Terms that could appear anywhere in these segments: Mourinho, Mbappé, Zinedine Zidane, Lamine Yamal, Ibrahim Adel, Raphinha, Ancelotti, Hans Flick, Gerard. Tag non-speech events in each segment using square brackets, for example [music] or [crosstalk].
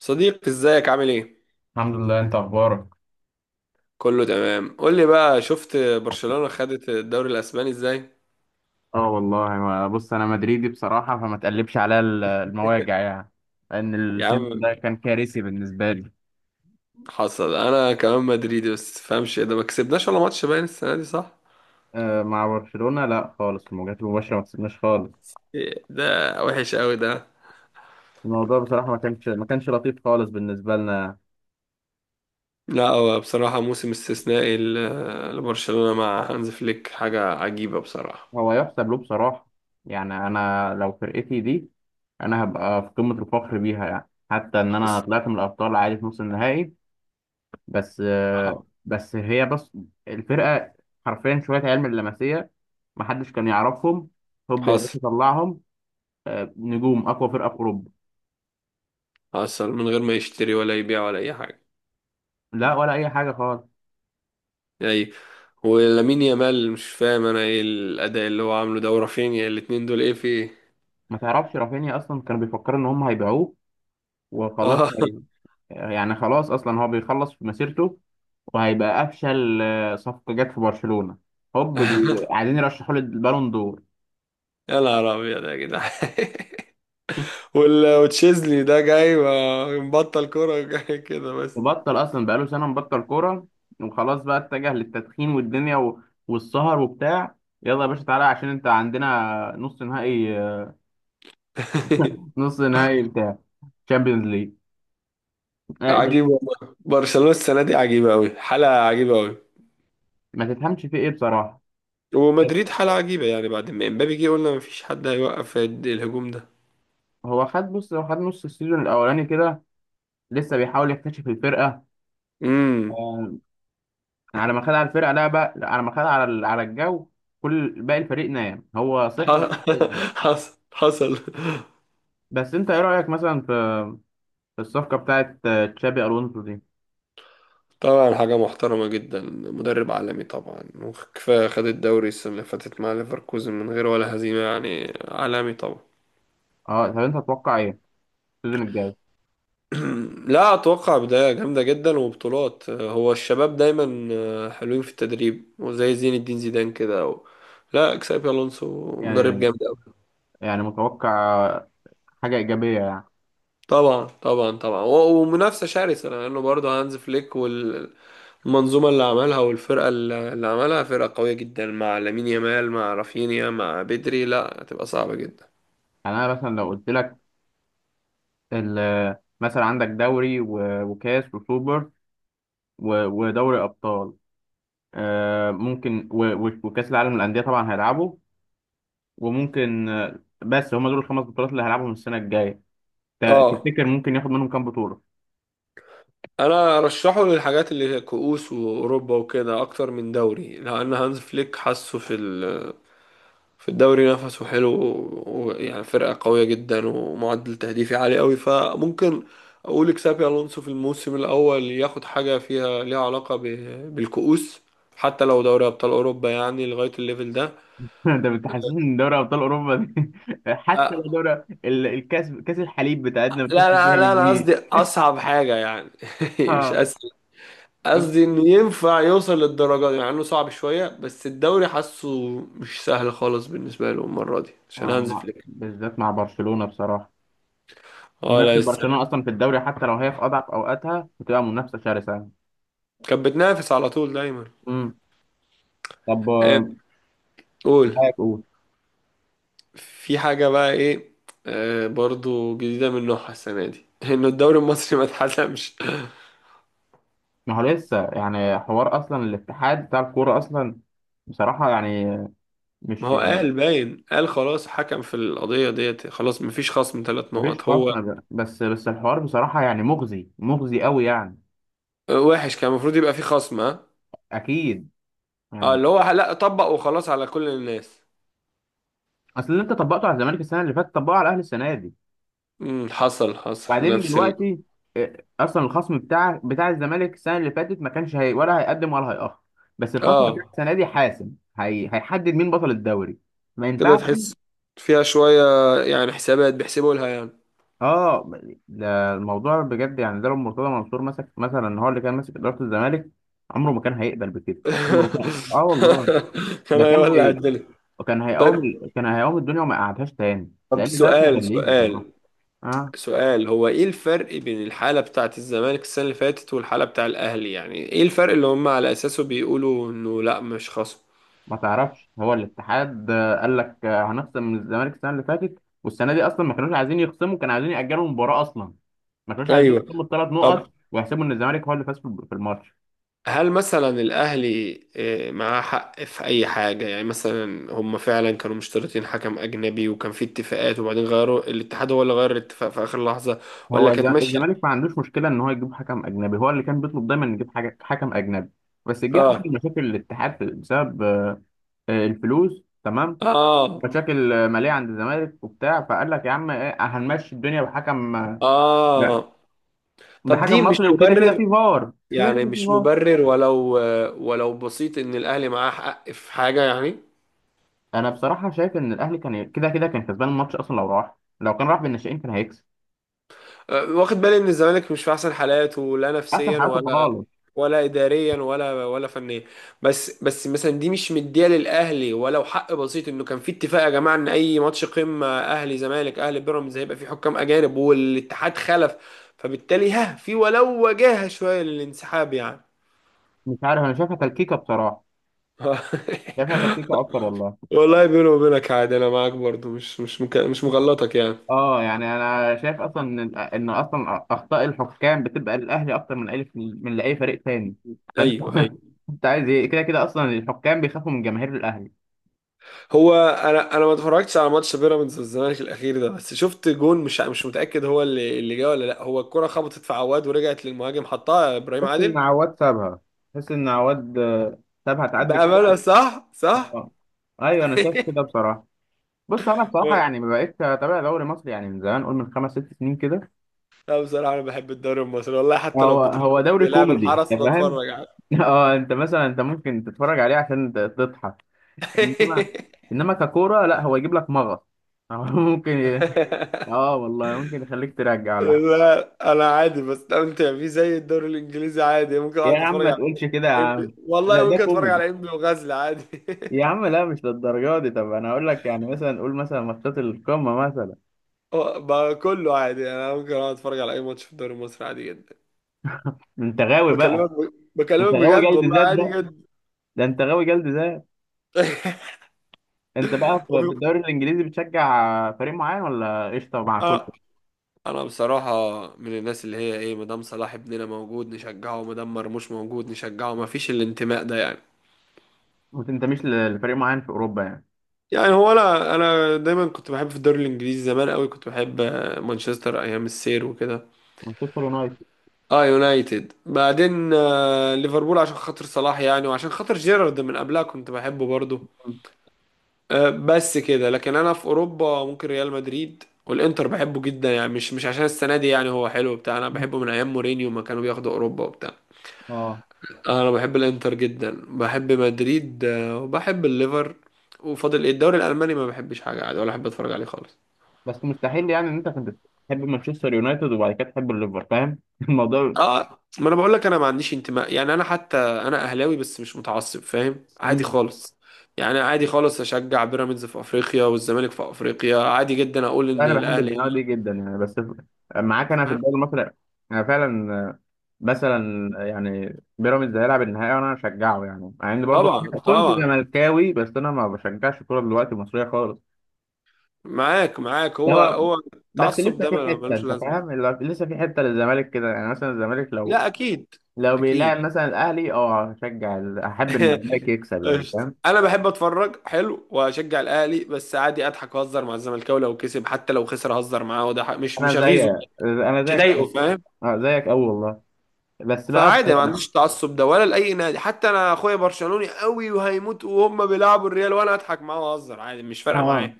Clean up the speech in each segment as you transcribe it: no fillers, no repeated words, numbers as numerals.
صديق، ازيك عامل ايه؟ الحمد لله، انت اخبارك؟ كله تمام. قول لي بقى، شفت برشلونة خدت الدوري الاسباني ازاي؟ اه والله، بص انا مدريدي بصراحه، فما تقلبش عليا المواجع يعني. لان يا السيزون عم ده كان كارثي بالنسبه لي. حصل، انا كمان مدريدي. بس تفهمش ده، ما كسبناش ولا ماتش باين السنة دي صح؟ آه، مع برشلونه لا خالص، المواجهات المباشره ما كسبناش خالص. إيه ده، وحش قوي ده. الموضوع بصراحه ما كانش لطيف خالص بالنسبه لنا. لا هو بصراحة موسم استثنائي لبرشلونة مع هانز فليك، حاجة عجيبة بصراحة. هو يحسب له بصراحه. يعني انا لو فرقتي دي، انا هبقى في قمه الفخر بيها، يعني حتى ان انا حصل طلعت من الابطال عادي في نص النهائي. بس آه، بس هي بس الفرقة حرفيا شوية عيال من اللمسية. محدش كان يعرفهم. هوب يا باشا حصل طلعهم! نجوم أقوى فرقة في أوروبا. حصل من غير ما يشتري ولا يبيع ولا اي حاجة. لا، ولا أي حاجة خالص. اي، ولامين يامال مش فاهم انا ايه الاداء اللي هو عامله ده، ورافينيا الاتنين دول ايه في ايه. ما تعرفش رافينيا أصلا كانوا بيفكروا إن هم هيبيعوه. وخلاص [laughs] يعني خلاص أصلا هو بيخلص في مسيرته، وهيبقى أفشل صفقة جت في برشلونة. هوب [laughs] عايزين يرشحوا له البالون دور. يا نهار ابيض يا جدعان. [laughs] وتشيزني ده جاي مبطل كوره، جاي كده بس. وبطل اصلا بقاله سنه مبطل كوره، وخلاص بقى اتجه للتدخين والدنيا والسهر وبتاع. يلا يا باشا تعالى، عشان انت عندنا نص نهائي. [laughs] نص نهائي بتاع تشامبيونز ليج. آه، ده. عجيب والله، برشلونه السنه دي عجيبه قوي، حاله عجيبه قوي. ما تفهمش فيه ايه بصراحه. ومدريد بس حاله عجيبه، يعني بعد ما امبابي جه قلنا مفيش حد هيوقف الهجوم ده. هو خد بص هو خد نص السيزون الاولاني كده، لسه بيحاول يكتشف الفرقه. امم. آه، على ما خد على الفرقه، لا بقى على ما خد على على الجو. كل باقي الفريق نام هو صحي وبقى. [laughs] حصل حصل. بس انت ايه رايك مثلا في الصفقه بتاعت تشابي الونسو دي؟ طبعا حاجه محترمه جدا، مدرب عالمي طبعا، وكفايه خد الدوري السنه اللي فاتت مع ليفركوزن من غير ولا هزيمه، يعني عالمي طبعا. اه، طب انت تتوقع ايه السيزون الجاي؟ [clears throat] لا، اتوقع بداية جامدة جدا وبطولات. هو الشباب دايما حلوين في التدريب، وزي زين الدين زيدان كده و... لا، اكسابي الونسو مدرب يعني جامد قوي. يعني متوقع حاجة إيجابية يعني. طبعا طبعا طبعا، ومنافسة شرسة، لانه يعني برضه هانز فليك والمنظومة اللي عملها، والفرقة اللي عملها فرقة قوية جدا، مع لامين يامال مع رافينيا مع بدري، لا هتبقى صعبة جدا. يعني أنا مثلا لو قلت لك، مثلا عندك دوري وكاس وسوبر ودوري أبطال، ممكن وكأس العالم للأندية طبعا هيلعبوا، وممكن بس هما دول الخمس بطولات اللي هيلعبهم السنة الجاية. اه، تفتكر ممكن ياخد منهم كام بطولة؟ انا ارشحه للحاجات اللي هي كؤوس واوروبا وكده اكتر من دوري، لان هانز فليك حاسه في الدوري نفسه حلو، ويعني فرقة قوية جدا، ومعدل تهديفي عالي قوي. فممكن أقول إكسابي ألونسو في الموسم الأول ياخد حاجة فيها ليها علاقة بالكؤوس، حتى لو دوري أبطال أوروبا يعني، لغاية الليفل ده. [laughs] ده بتحسسني إن دوري أبطال أوروبا دي [laughs] حتى لو أه، دوري كاس الحليب لا بتاعتنا بنخش لا فيها لا، إن أنا هي. قصدي أصعب حاجة يعني، [laughs] مش آه. أسهل. قصدي إنه ينفع يوصل للدرجة دي، مع إنه صعب شوية، بس الدوري حاسه مش سهل خالص بالنسبة له المرة دي عشان آه، هانز فليك. بالذات مع برشلونة بصراحة. اه، لا منافسة برشلونة السلام. أصلا في الدوري حتى لو هي في أضعف أوقاتها بتبقى منافسة شرسة. كانت بتنافس على طول دايما. امم. طب آه، قول. رأيك قول. في حاجة بقى ايه. آه، برضو جديدة من نوعها السنة دي، [laughs] انه الدوري المصري ما اتحسمش. ما هو لسه يعني حوار أصلا الاتحاد بتاع الكورة أصلا. بصراحة يعني ما مش، هو قال باين، قال خلاص حكم في القضية ديت، خلاص مفيش خصم ثلاث مفيش نقط هو. خاصنا، بس الحوار بصراحة يعني مغزي مغزي قوي يعني. وحش، كان المفروض يبقى في خصم ها. أكيد اه، يعني. اللي هو لا طبق وخلاص على كل الناس. أصل اللي أنت طبقته على الزمالك السنة اللي فاتت طبقه على الأهلي السنة دي. امم، حصل حصل، بعدين نفس ال... دلوقتي اصلا الخصم بتاع الزمالك السنه اللي فاتت ما كانش هي ولا هيقدم ولا هيأخر. بس الخصم بتاع اه السنه دي حاسم. هيحدد مين بطل الدوري. ما كده ينفعش. تحس فيها شوية، يعني حسابات بيحسبوا لها يعني. اه، ده الموضوع بجد يعني، ده لو مرتضى منصور مسك، مثلا هو اللي كان ماسك اداره الزمالك، عمره ما كان هيقبل بكده. عمره ما كان، اه [laughs] والله. كان ده كان هيولع الدنيا. كان هيقوم طيب، كان هيقوم الدنيا وما قعدهاش تاني، طب لان ده اسمه سؤال تدليس بصراحه. سؤال اه، سؤال. هو ايه الفرق بين الحالة بتاعة الزمالك السنة اللي فاتت والحالة بتاع الاهلي؟ يعني ايه الفرق اللي هم على اساسه بيقولوا انه لا مش خصم؟ ما تعرفش هو الاتحاد قال لك، هنخصم من الزمالك السنه اللي فاتت والسنه دي اصلا. ما كانوش عايزين يخصموا، كانوا عايزين ياجلوا المباراه اصلا. ما كانوش عايزين يخصموا ايوه، الثلاث طب نقط ويحسبوا ان الزمالك هو اللي فاز في الماتش. هل مثلا الاهلي معاه حق في اي حاجة؟ يعني مثلا هم فعلا كانوا مشترطين حكم اجنبي، وكان في اتفاقات، وبعدين غيروا، الاتحاد هو اللي غير الاتفاق في اخر لحظة؟ هو ولا كانت ماشية. الزمالك ما عندوش مشكله ان هو يجيب حكم اجنبي، هو اللي كان بيطلب دايما يجيب حاجه حكم اجنبي. بس جه حصل اه. مشاكل الاتحاد بسبب الفلوس، تمام. اه. مشاكل ماليه عند الزمالك وبتاع، فقال لك يا عم إيه، هنمشي الدنيا بحكم آه، اه طب دي بحكم مش مصري، وكده كده مبرر، في فار، كده يعني كده في مش فار. مبرر، ولو ولو بسيط، ان الاهلي معاه حق في حاجه يعني. انا بصراحه شايف ان الاهلي كان كده كده كان كسبان الماتش اصلا، لو كان راح بالناشئين كان هيكسب. واخد بالي ان الزمالك مش في احسن حالاته، لا حتى نفسيا حياته ولا خالص. ولا اداريا، ولا فنيا. بس مثلا دي مش مديه للاهلي، ولو حق بسيط، انه كان في اتفاق يا جماعه، ان اي ماتش قمه اهلي زمالك اهلي بيراميدز هيبقى في حكام اجانب، والاتحاد خلف. فبالتالي ها في ولو وجاهه شويه للانسحاب يعني. مش عارف، انا شايفها تلكيكه بصراحه. [laughs] شايفها تلكيكه اكتر والله. والله بيني وبينك عادي، انا معاك برضو، مش مغلطك يعني. اه، يعني انا شايف اصلا ان اصلا اخطاء الحكام بتبقى للاهلي اكتر من لاي فريق تاني، فانت ايوه [laughs] ايوه. انت عايز ايه؟ كده كده اصلا الحكام بيخافوا من جماهير الاهلي. هو انا ما اتفرجتش على ماتش بيراميدز والزمالك الاخير ده، بس شفت جون، مش متاكد هو اللي جه ولا لا. هو الكره خبطت في عواد ورجعت للمهاجم، حطها ابراهيم تحس عادل. ان عواد سابها. تحس ان عواد سابها تعدي كده. بامانه صح صح. اه، ايوه انا شايف [laughs] كده بصراحه. بص انا بصراحه يعني ما بقتش اتابع دوري مصري يعني من زمان، قول من خمس ست سنين كده. لا بصراحه انا بحب الدوري المصري والله، حتى لو هو بتروح هو دوري بيلعب كوميدي. الحرس انت فاهم؟ بتفرج على [laughs] اه، انت ممكن تتفرج عليه عشان تضحك. انما انما ككوره لا، هو يجيب لك مغص. [laughs] هو ممكن. [laughs] اه والله ممكن يخليك ترجع ولا حاجه. لا انا عادي بستمتع فيه زي الدوري الانجليزي، عادي ممكن يا اقعد عم اتفرج ما على تقولش كده يا عم. إنبي. ده والله ده ممكن اتفرج كوميدي. على انبي وغزل عادي. يا [laughs] عم لا مش للدرجه دي. طب انا هقول لك يعني، مثلا قول مثلا ماتشات القمه مثلا. هو بقى كله عادي، انا ممكن اقعد اتفرج على اي ماتش في الدوري المصري عادي جدا. انت غاوي بقى. انت بكلمك غاوي بجد جلد والله، ذات عادي بقى. جدا. ده انت غاوي جلد. [laughs] انت بقى في وفي... الدوري الانجليزي، بتشجع فريق معين ولا قشطه مع آه. كله؟ انا بصراحة من الناس اللي هي ايه، مدام صلاح ابننا موجود نشجعه، مدام مرموش موجود نشجعه، ما فيش الانتماء ده يعني. ما تنتميش لفريق معين في اوروبا يعني؟ يعني هو انا دايما كنت بحب في الدوري الانجليزي زمان قوي، كنت بحب مانشستر ايام السير وكده. مانشستر يونايتد. اه يونايتد، بعدين ليفربول عشان خاطر صلاح يعني، وعشان خاطر جيرارد من قبلها كنت بحبه برضه. بس كده. لكن انا في اوروبا، ممكن ريال مدريد والانتر بحبه جدا يعني، مش مش عشان السنه دي يعني، هو حلو بتاع. انا مم. بحبه من ايام مورينيو، ما كانوا بياخدوا اوروبا وبتاع. اه. انا بحب الانتر جدا، بحب مدريد وبحب الليفر. وفاضل إيه؟ الدوري الالماني ما بحبش، حاجه عادي ولا احب اتفرج عليه خالص. بس مستحيل يعني ان انت كنت تحب مانشستر يونايتد وبعد كده تحب الليفر، فاهم [laughs] الموضوع؟ اه ما انا بقول لك، انا ما عنديش انتماء يعني. انا حتى انا اهلاوي بس مش متعصب، فاهم، عادي مم. خالص. يعني عادي خالص اشجع بيراميدز في افريقيا، والزمالك في افريقيا عادي جدا، اقول لا ان انا بحب الاهلي. الدماغ دي جدا يعني، بس معاك انا في هنا. الدوري المصري. انا فعلا، مثلا يعني بيراميدز هيلعب النهائي وانا هشجعه يعني، مع اني برضو طبعا كنت طبعا. زملكاوي، بس انا ما بشجعش الكوره دلوقتي المصريه خالص. معاك معاك، ده هو هو، هو بس التعصب لسه ده في حته، ملوش انت لازمة. فاهم؟ لسه في حته للزمالك كده، يعني مثلا الزمالك لو لا أكيد. بيلاعب أكيد. مثلا الاهلي، اه هشجع احب ان الزمالك [laughs] يكسب، يعني قشطة، فاهم. أنا بحب أتفرج حلو وأشجع الأهلي، بس عادي أضحك وأهزر مع الزملكاوي لو كسب، حتى لو خسر أهزر معاه، وده مش انا مش زي أغيظه، انا مش زيك. أضايقه، فاهم. اه زيك قوي والله. بس بقى فعادي، ما عنديش تعصب ده ولا لأي نادي. حتى أنا أخويا برشلوني قوي وهيموت، وهم بيلعبوا الريال وأنا أضحك معاه وأهزر عادي، مش فارقة معايا. اه،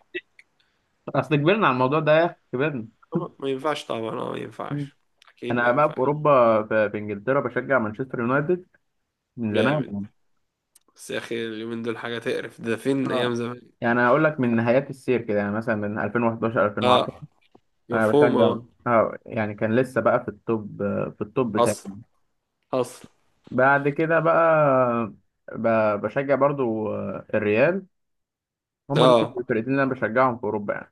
اصل كبرنا على الموضوع ده يا اخي، كبرنا. طبعا ما ينفعش، طبعا اه ما مم. ينفعش. أكيد ما انا بقى في ينفعش. اوروبا، في انجلترا بشجع مانشستر يونايتد. من زمان جامد. يعني. بس يا أخي اليومين دول حاجة تقرف، ده فين اه، أيام زمان. يعني هقول لك من نهايات السير كده، يعني مثلا من 2011 2010. اه، انا مفهوم بشجع. اه. اه يعني كان لسه بقى في التوب، في التوب بتاعي. حصل حصل. بعد كده بقى بشجع برضو الريال. هما دول اه، الفرقتين اللي انا بشجعهم في اوروبا يعني.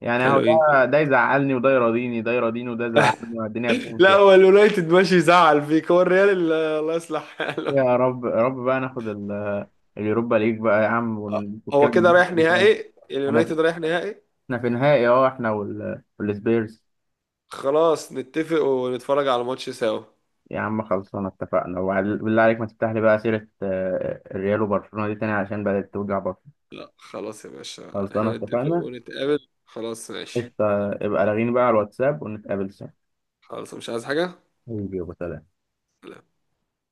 يعني هو حلوين. ده يزعلني وده يراضيني، ده يراضيني وده يزعلني، والدنيا بتمشي لا يعني. هو اليونايتد ماشي يزعل فيك، هو الريال الله يصلح حاله. يا رب، يا رب بقى ناخد اليوروبا ليج بقى يا عم، آه، ونتكلم هو من كده الناحية رايح دي شوية. نهائي، انا اليونايتد رايح نهائي. احنا في نهائي، اه احنا والسبيرز. خلاص نتفق ونتفرج على الماتش سوا. يا عم خلصانه اتفقنا، بالله عليك ما تفتح لي بقى سيره الريال وبرشلونه دي تاني، عشان بدات توجع برشلونه. لا خلاص يا باشا، خلصانه احنا نتفق اتفقنا. ونتقابل، خلاص ماشي. قشطة، يبقى لاغيني بقى على الواتساب ونتقابل سوا. خلاص مش عايز حاجة. حبيبي يا ابو سلام. لا.